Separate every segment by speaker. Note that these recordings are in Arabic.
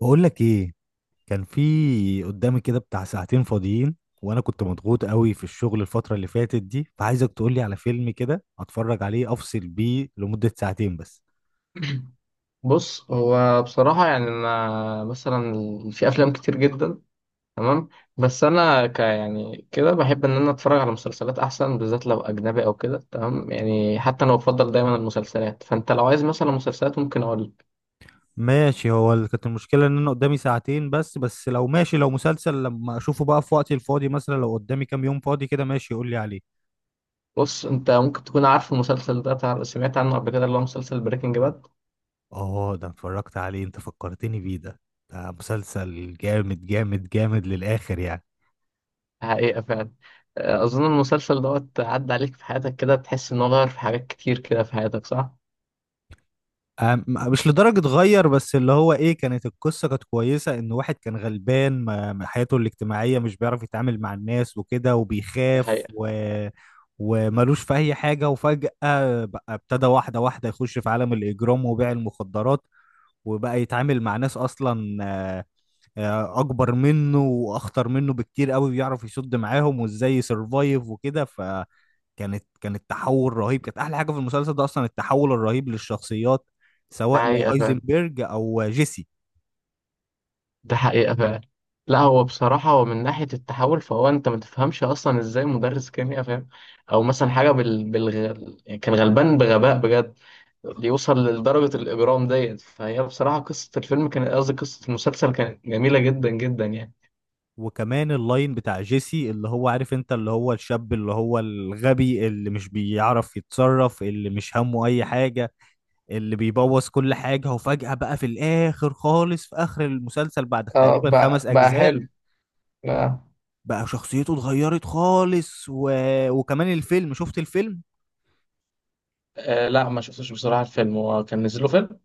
Speaker 1: بقول لك ايه. كان في قدامي كده بتاع ساعتين فاضيين، وانا كنت مضغوط قوي في الشغل الفترة اللي فاتت دي، فعايزك تقول لي على فيلم كده اتفرج عليه افصل بيه لمدة ساعتين بس.
Speaker 2: بص، هو بصراحة يعني أنا مثلا في أفلام كتير جدا. تمام. بس أنا ك يعني كده بحب إن أنا أتفرج على مسلسلات أحسن، بالذات لو أجنبي أو كده. تمام يعني، حتى أنا بفضل دايما المسلسلات. فأنت لو عايز مثلا مسلسلات ممكن أقول لك.
Speaker 1: ماشي، هو كانت المشكلة ان انا قدامي ساعتين بس لو ماشي، لو مسلسل لما اشوفه بقى في وقتي الفاضي مثلا، لو قدامي كام يوم فاضي كده ماشي، قول لي عليه.
Speaker 2: بص، أنت ممكن تكون عارف المسلسل ده، سمعت عنه قبل كده؟ اللي هو مسلسل بريكنج باد.
Speaker 1: اه، ده اتفرجت عليه، انت فكرتني بيه ده. ده مسلسل جامد جامد جامد للآخر يعني.
Speaker 2: حقيقة فعلا. أظن المسلسل دوت عدى عليك في حياتك كده، تحس إنه غير في حاجات كتير كده في حياتك، صح؟
Speaker 1: مش لدرجة غير، بس اللي هو ايه، القصة كانت كويسة، ان واحد كان غلبان، ما حياته الاجتماعية مش بيعرف يتعامل مع الناس وكده،
Speaker 2: ده
Speaker 1: وبيخاف
Speaker 2: حقيقة.
Speaker 1: وملوش في اي حاجة. وفجأة بقى ابتدى واحدة واحدة يخش في عالم الاجرام وبيع المخدرات، وبقى يتعامل مع ناس اصلا اكبر منه واخطر منه بكتير قوي، بيعرف يصد معاهم وازاي يسرفايف وكده. كانت تحول رهيب، كانت احلى حاجه في المسلسل ده اصلا التحول الرهيب للشخصيات،
Speaker 2: ده
Speaker 1: سواء
Speaker 2: حقيقة فعلا.
Speaker 1: لهايزنبرج او جيسي.
Speaker 2: ده حقيقة فعلا. لا، هو بصراحة هو من ناحية التحول، فهو أنت ما تفهمش أصلا إزاي مدرس كيمياء فاهم. أو مثلا حاجة يعني كان غلبان بغباء بجد، يوصل لدرجة الإجرام ديت. فهي بصراحة قصة الفيلم كانت، قصدي قصة المسلسل، كانت جميلة جدا جدا يعني.
Speaker 1: وكمان اللاين بتاع جيسي، اللي هو عارف انت، اللي هو الشاب اللي هو الغبي، اللي مش بيعرف يتصرف، اللي مش همه اي حاجه، اللي بيبوظ كل حاجه. وفجاه بقى في الاخر خالص، في اخر المسلسل، بعد
Speaker 2: اه،
Speaker 1: تقريبا
Speaker 2: بقى
Speaker 1: خمس
Speaker 2: بقى
Speaker 1: اجزاء،
Speaker 2: حلو. آه.
Speaker 1: بقى شخصيته اتغيرت خالص وكمان الفيلم، شفت الفيلم؟
Speaker 2: آه، لا ما شفتش بصراحة. الفيلم هو كان نزل له فيلم؟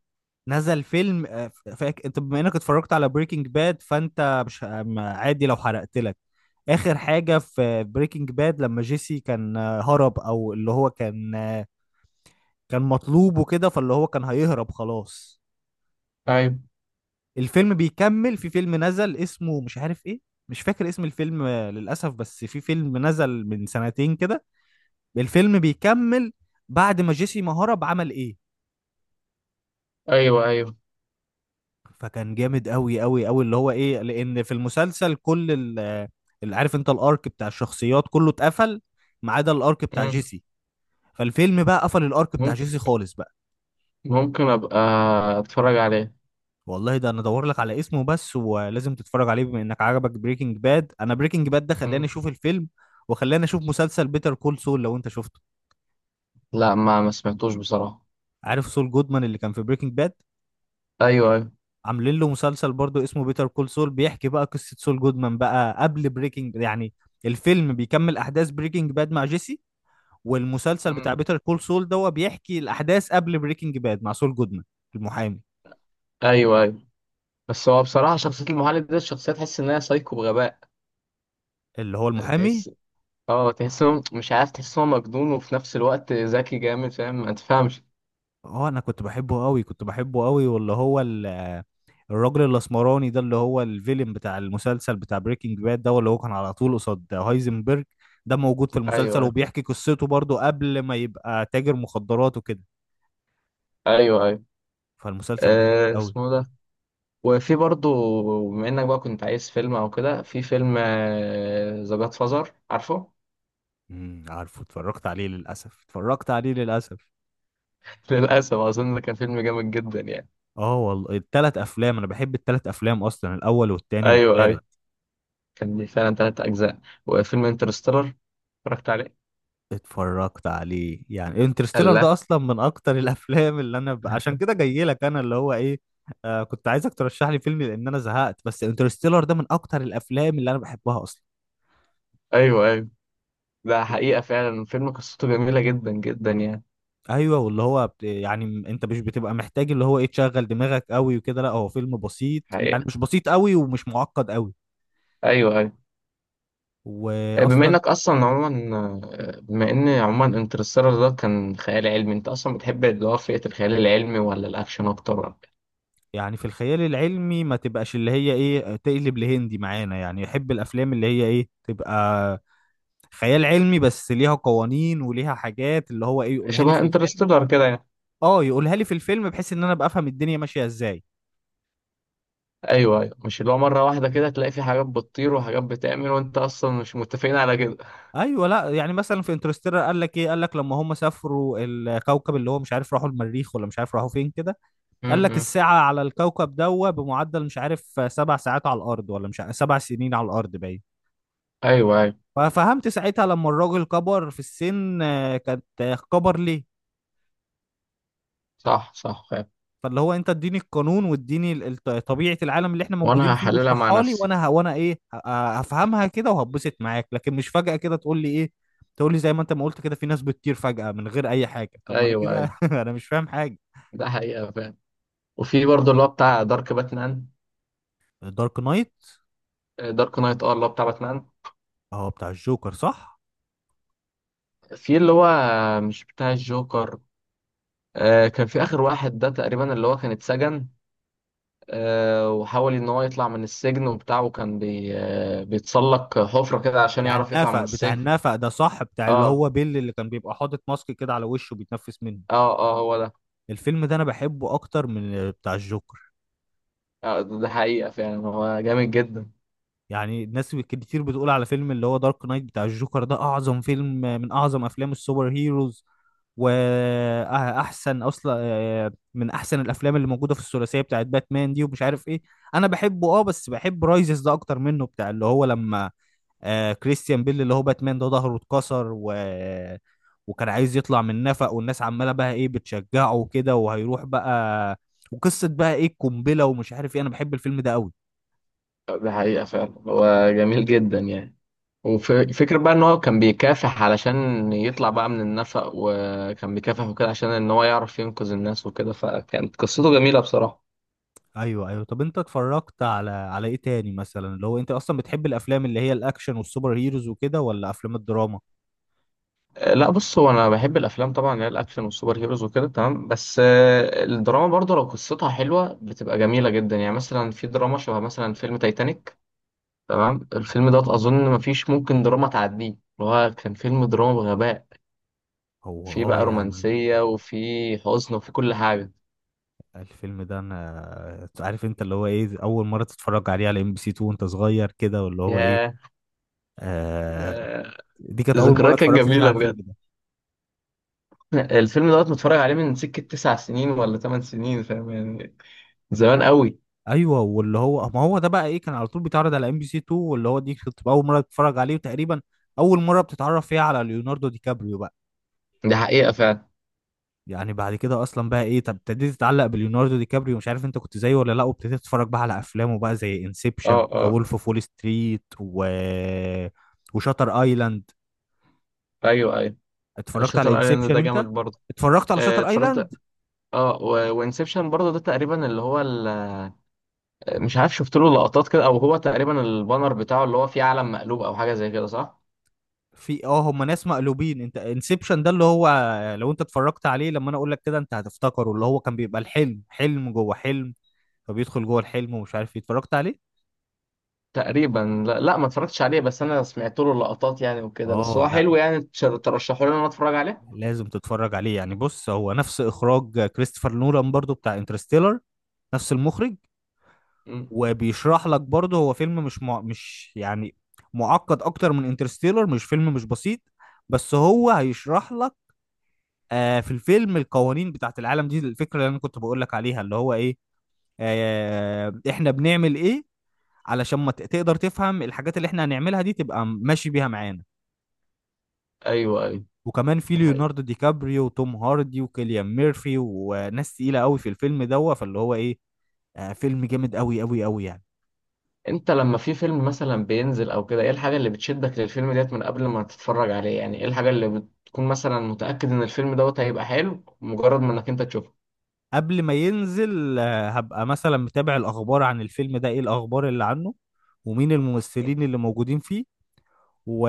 Speaker 1: نزل فيلم. انت بما انك اتفرجت على بريكنج باد، فانت مش عادي لو حرقت لك اخر حاجة في بريكنج باد. لما جيسي كان هرب، او اللي هو كان كان مطلوب وكده، فاللي هو كان هيهرب خلاص.
Speaker 2: ايوه.
Speaker 1: الفيلم بيكمل، في فيلم نزل اسمه مش عارف ايه، مش فاكر اسم الفيلم للأسف، بس في فيلم نزل من سنتين كده، الفيلم بيكمل بعد ما جيسي ما هرب عمل ايه.
Speaker 2: أيوه أيوه.
Speaker 1: فكان جامد قوي قوي قوي، اللي هو ايه، لان في المسلسل كل اللي عارف انت، الارك بتاع الشخصيات كله اتقفل ما عدا الارك بتاع
Speaker 2: مم.
Speaker 1: جيسي، فالفيلم بقى قفل الارك بتاع
Speaker 2: مم.
Speaker 1: جيسي خالص بقى.
Speaker 2: ممكن أبقى أتفرج عليه.
Speaker 1: والله ده انا ادور لك على اسمه بس، ولازم تتفرج عليه بما انك عجبك بريكنج باد. انا بريكنج باد ده خلاني
Speaker 2: مم.
Speaker 1: اشوف الفيلم، وخلاني اشوف مسلسل بيتر كول سول، لو انت شفته.
Speaker 2: لا، ما سمعتوش بصراحة.
Speaker 1: عارف سول جودمان اللي كان في بريكنج باد؟
Speaker 2: أيوه أيوه.
Speaker 1: عاملين له مسلسل برضو اسمه بيتر كول سول، بيحكي بقى قصة سول جودمان بقى قبل بريكنج يعني. الفيلم بيكمل احداث بريكنج باد مع جيسي، والمسلسل بتاع
Speaker 2: مم.
Speaker 1: بيتر كول سول ده هو بيحكي الاحداث قبل بريكنج باد مع سول جودمان. المحامي.
Speaker 2: ايوه ايوه. بس هو بصراحه، شخصيه المعلم ده، الشخصيه تحس ان هي سايكو بغباء.
Speaker 1: اللي هو المحامي.
Speaker 2: تحس. اه، تحس إنه مش عارف، تحس إن هو مجنون وفي نفس الوقت ذكي جامد، فاهم؟ ما تفهمش.
Speaker 1: اه، انا كنت بحبه قوي، كنت بحبه قوي، واللي هو الراجل الاسمراني ده، اللي هو الفيلم بتاع المسلسل بتاع بريكنج باد ده، اللي هو كان على طول قصاد هايزنبرج، ده موجود في
Speaker 2: ايوه
Speaker 1: المسلسل
Speaker 2: ايوه.
Speaker 1: وبيحكي قصته برضه قبل ما يبقى تاجر مخدرات وكده.
Speaker 2: ايوه ايوه.
Speaker 1: فالمسلسل ده جامد قوي.
Speaker 2: اسمه ده. وفي برضه، بما انك بقى كنت عايز فيلم او كده، في فيلم ذا جاد فازر، عارفه؟
Speaker 1: عارفه، اتفرجت عليه للاسف، اتفرجت عليه للاسف.
Speaker 2: للاسف اظن ده كان فيلم جامد جدا يعني.
Speaker 1: اه والله، التلات افلام انا بحب التلات افلام اصلا، الاول والتاني
Speaker 2: ايوه ايوه.
Speaker 1: والتالت.
Speaker 2: كان ليه فعلا 3 اجزاء. وفيلم انترستيلر، اتفرجت عليه؟
Speaker 1: اتفرجت عليه يعني، انترستيلر ده
Speaker 2: لا.
Speaker 1: اصلا من اكتر الافلام اللي انا عشان كده جاي لك انا، اللي هو ايه، كنت عايزك ترشح لي فيلم لان انا زهقت، بس انترستيلر ده من اكتر الافلام اللي انا بحبها اصلا.
Speaker 2: ايوه ايوه. ده حقيقه فعلا، فيلم قصته جميله جدا جدا يعني.
Speaker 1: ايوه، واللي هو يعني انت مش بتبقى محتاج اللي هو ايه تشغل دماغك قوي وكده، لا هو فيلم بسيط يعني،
Speaker 2: حقيقة.
Speaker 1: مش بسيط قوي ومش معقد قوي.
Speaker 2: أيوه أيوه. آه، بما
Speaker 1: واصلا،
Speaker 2: إنك أصلا عموما آه، بما إن عموما انترستيلر ده كان خيال علمي، أنت أصلا بتحب اللي هو فئة الخيال العلمي ولا الأكشن أكتر، ولا؟
Speaker 1: يعني في الخيال العلمي ما تبقاش اللي هي ايه تقلب لهندي معانا يعني، يحب الافلام اللي هي ايه تبقى خيال علمي بس ليها قوانين وليها حاجات، اللي هو ايه، يقولها لي
Speaker 2: شبه
Speaker 1: في الفيلم.
Speaker 2: انترستيلر كده يعني.
Speaker 1: اه يقولها لي في الفيلم بحيث ان انا ابقى افهم الدنيا ماشيه ازاي.
Speaker 2: أيوه أيوه. مش اللي هو مرة واحدة كده تلاقي في حاجات بتطير وحاجات بتعمل وأنت أصلا مش متفقين على كده.
Speaker 1: ايوه، لا يعني مثلا في انترستيلر، قال لك ايه، قال لك لما هم سافروا الكوكب، اللي هو مش عارف راحوا المريخ ولا مش عارف راحوا فين كده،
Speaker 2: م-
Speaker 1: قال لك
Speaker 2: م.
Speaker 1: الساعه على الكوكب دوا بمعدل مش عارف سبع ساعات على الارض ولا مش عارف سبع سنين على الارض، باين.
Speaker 2: أيوه أيوه.
Speaker 1: ففهمت ساعتها لما الراجل كبر في السن آه، كانت آه، كبر ليه.
Speaker 2: صح صح فعلا.
Speaker 1: فاللي هو، انت اديني القانون واديني طبيعة العالم اللي احنا موجودين
Speaker 2: وأنا
Speaker 1: فيه،
Speaker 2: هحللها مع
Speaker 1: واشرحها لي
Speaker 2: نفسي.
Speaker 1: وانا وانا ايه هفهمها كده وهتبسط معاك. لكن مش فجأة كده تقول لي ايه، تقول لي زي ما انت ما قلت كده في ناس بتطير فجأة من غير اي حاجة، طب ما انا
Speaker 2: أيوه
Speaker 1: كده
Speaker 2: أيوه.
Speaker 1: انا مش فاهم حاجة.
Speaker 2: ده حقيقة فعلا. وفي برضه اللي هو بتاع دارك باتمان.
Speaker 1: دارك نايت.
Speaker 2: دارك نايت، اه، اللي هو بتاع باتمان.
Speaker 1: اه، بتاع الجوكر، صح.
Speaker 2: في اللي هو، مش بتاع الجوكر. كان في آخر واحد ده تقريبا اللي هو كان اتسجن، وحاول إن هو يطلع من السجن وبتاع، وكان بي... آه، بيتسلق حفرة كده عشان
Speaker 1: بتاع
Speaker 2: يعرف يطلع من
Speaker 1: النفق بتاع
Speaker 2: السجن.
Speaker 1: النفق ده صح، بتاع اللي
Speaker 2: اه.
Speaker 1: هو بيل، اللي كان بيبقى حاطط ماسك كده على وشه بيتنفس منه.
Speaker 2: اه اه، هو ده.
Speaker 1: الفيلم ده انا بحبه اكتر من بتاع الجوكر.
Speaker 2: ده ده حقيقة فعلا، هو جامد جدا.
Speaker 1: يعني الناس كتير بتقول على فيلم اللي هو دارك نايت بتاع الجوكر، ده اعظم فيلم، من اعظم افلام السوبر هيروز، واحسن اصلا من احسن الافلام اللي موجوده في الثلاثيه بتاعت باتمان دي، ومش عارف ايه. انا بحبه اه، بس بحب رايزز ده اكتر منه، بتاع اللي هو لما كريستيان بيل اللي هو باتمان ده ظهره اتكسر، و وكان عايز يطلع من نفق، والناس عماله بقى ايه بتشجعه وكده وهيروح بقى. وقصه بقى ايه القنبله ومش عارف ايه، انا بحب الفيلم ده قوي.
Speaker 2: ده حقيقة فعلا، هو جميل جدا يعني. وفكرة بقى إن هو كان بيكافح علشان يطلع بقى من النفق، وكان بيكافح وكده عشان إن هو يعرف ينقذ الناس وكده، فكانت قصته جميلة بصراحة.
Speaker 1: ايوه ايوه، طب انت اتفرجت على ايه تاني مثلا؟ اللي هو انت اصلا بتحب الافلام اللي هي الاكشن والسوبر هيروز وكده، ولا افلام الدراما؟
Speaker 2: لا، بص، هو انا بحب الافلام طبعا اللي هي الاكشن والسوبر هيروز وكده، تمام. بس الدراما برضه لو قصتها حلوه بتبقى جميله جدا يعني. مثلا في دراما شبه مثلا فيلم تايتانيك. تمام، الفيلم دوت اظن مفيش ممكن دراما تعديه. اللي هو كان فيلم دراما بغباء.
Speaker 1: هو
Speaker 2: في
Speaker 1: اه
Speaker 2: بقى
Speaker 1: يعني،
Speaker 2: رومانسيه، وفي حزن، وفي كل حاجه.
Speaker 1: الفيلم ده انا عارف انت اللي هو ايه، اول مره تتفرج عليه على ام بي سي 2 وانت صغير كده، واللي هو
Speaker 2: ياه.
Speaker 1: ايه آه
Speaker 2: ياه،
Speaker 1: دي كانت اول مره
Speaker 2: الذكريات كانت
Speaker 1: اتفرجت فيها
Speaker 2: جميله
Speaker 1: على الفيلم
Speaker 2: بجد.
Speaker 1: ده.
Speaker 2: الفيلم دوت متفرج عليه من سكه 9 سنين ولا 8 سنين، فاهم يعني؟ زمان قوي.
Speaker 1: ايوه واللي هو، ما هو ده بقى ايه، كان على طول بيتعرض على ام بي سي 2، واللي هو دي كانت اول مره تتفرج عليه، وتقريبا اول مره بتتعرف فيها على ليوناردو دي كابريو بقى.
Speaker 2: دي حقيقه فعلا.
Speaker 1: يعني بعد كده اصلا بقى ايه، طب ابتديت تتعلق بليوناردو دي كابريو، مش عارف انت كنت زيه ولا لا، وابتديت تتفرج بقى على افلامه بقى زي
Speaker 2: اه
Speaker 1: انسبشن، ذا
Speaker 2: اه.
Speaker 1: وولف اوف وول ستريت، و وشاتر ايلاند.
Speaker 2: ايوه ايوه.
Speaker 1: اتفرجت على
Speaker 2: شاتر ايلاند
Speaker 1: انسبشن
Speaker 2: ده
Speaker 1: انت؟
Speaker 2: جامد برضه.
Speaker 1: اتفرجت على شاتر
Speaker 2: اتفرجت.
Speaker 1: ايلاند؟
Speaker 2: اه. وانسبشن برضه، ده تقريبا اللي هو مش عارف، شفت له لقطات كده، او هو تقريبا البانر بتاعه اللي هو فيه علم مقلوب او حاجه زي كده، صح؟
Speaker 1: في اه، هم ناس مقلوبين. انت انسبشن ده، اللي هو لو انت اتفرجت عليه لما انا اقول لك كده انت هتفتكره، اللي هو كان بيبقى الحلم حلم جوه حلم، فبيدخل جوه الحلم ومش عارف ايه. اتفرجت عليه؟
Speaker 2: تقريبا لا, لا، ما اتفرجتش عليه. بس انا سمعت له لقطات يعني وكده. بس
Speaker 1: اه
Speaker 2: هو
Speaker 1: لا،
Speaker 2: حلو يعني، ترشحوا لي ان انا اتفرج عليه.
Speaker 1: لازم تتفرج عليه يعني. بص، هو نفس اخراج كريستوفر نولان برضو، بتاع انترستيلر، نفس المخرج.
Speaker 2: مم.
Speaker 1: وبيشرح لك برضه، هو فيلم مش مش يعني معقد اكتر من انترستيلر، مش فيلم مش بسيط، بس هو هيشرح لك في الفيلم القوانين بتاعت العالم دي، الفكرة اللي انا كنت بقول لك عليها، اللي هو ايه، احنا بنعمل ايه، علشان ما تقدر تفهم الحاجات اللي احنا هنعملها دي تبقى ماشي بيها معانا.
Speaker 2: ايوه ايوه.
Speaker 1: وكمان في
Speaker 2: هاي.
Speaker 1: ليوناردو دي كابريو وتوم هاردي وكيليان ميرفي وناس تقيلة قوي في الفيلم دوت، فاللي هو ايه، فيلم جامد قوي قوي قوي يعني.
Speaker 2: انت لما في فيلم مثلا بينزل او كده، ايه الحاجه اللي بتشدك للفيلم ديت من قبل ما تتفرج عليه؟ يعني ايه الحاجه اللي بتكون مثلا متاكد ان الفيلم دوت هيبقى حلو مجرد ما انك انت تشوفه؟
Speaker 1: قبل ما ينزل، هبقى مثلا متابع الأخبار عن الفيلم ده، إيه الأخبار اللي عنه، ومين
Speaker 2: مم.
Speaker 1: الممثلين اللي موجودين فيه، و...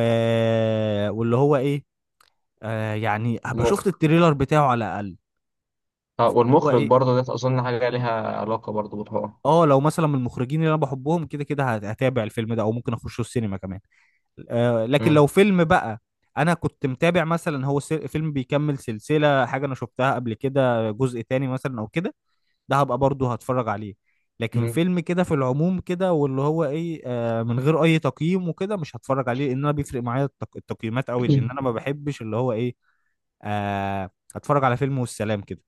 Speaker 1: واللي هو إيه، يعني هبقى شفت
Speaker 2: المخرج.
Speaker 1: التريلر بتاعه على الأقل، اللي
Speaker 2: اه،
Speaker 1: هو
Speaker 2: والمخرج
Speaker 1: إيه.
Speaker 2: برضه ده اظن حاجه ليها علاقه برضه بالحوار.
Speaker 1: اه، لو مثلا من المخرجين اللي انا بحبهم كده كده هتابع الفيلم ده، او ممكن اخشه السينما كمان. لكن
Speaker 2: مم.
Speaker 1: لو فيلم بقى انا كنت متابع مثلا، هو فيلم بيكمل سلسلة حاجة انا شفتها قبل كده، جزء تاني مثلا او كده، ده هبقى برضه هتفرج عليه. لكن
Speaker 2: مم.
Speaker 1: فيلم كده في العموم كده، واللي هو ايه من غير اي تقييم وكده، مش هتفرج عليه، لان انا بيفرق معايا التقييمات قوي، لان انا ما بحبش اللي هو ايه هتفرج على فيلم والسلام كده.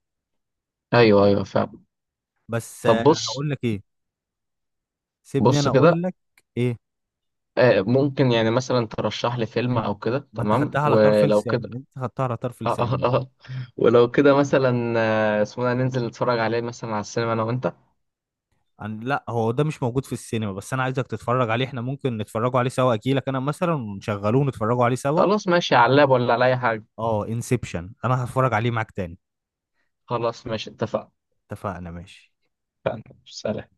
Speaker 2: ايوه ايوه فعلا.
Speaker 1: بس
Speaker 2: طب بص.
Speaker 1: هقول لك ايه، سيبني
Speaker 2: بص
Speaker 1: انا اقول
Speaker 2: كده،
Speaker 1: لك ايه.
Speaker 2: ممكن يعني مثلا ترشح لي فيلم او كده؟
Speaker 1: ما انت
Speaker 2: تمام.
Speaker 1: خدتها على طرف
Speaker 2: ولو كده
Speaker 1: لساني، انت خدتها على طرف
Speaker 2: آه آه
Speaker 1: لساني
Speaker 2: آه.
Speaker 1: والله.
Speaker 2: آه. ولو كده مثلا، اسمه ده، ننزل نتفرج عليه مثلا على السينما انا وانت.
Speaker 1: لا هو ده مش موجود في السينما، بس انا عايزك تتفرج عليه. احنا ممكن نتفرجوا عليه سوا، اجيلك انا مثلا ونشغلوه ونتفرجوا عليه سوا.
Speaker 2: خلاص، ماشي. على اللاب ولا على اي حاجه؟
Speaker 1: اه، انسبشن انا هتفرج عليه معاك تاني.
Speaker 2: خلاص، ماشي، اتفقنا.
Speaker 1: اتفقنا ماشي.
Speaker 2: سلام.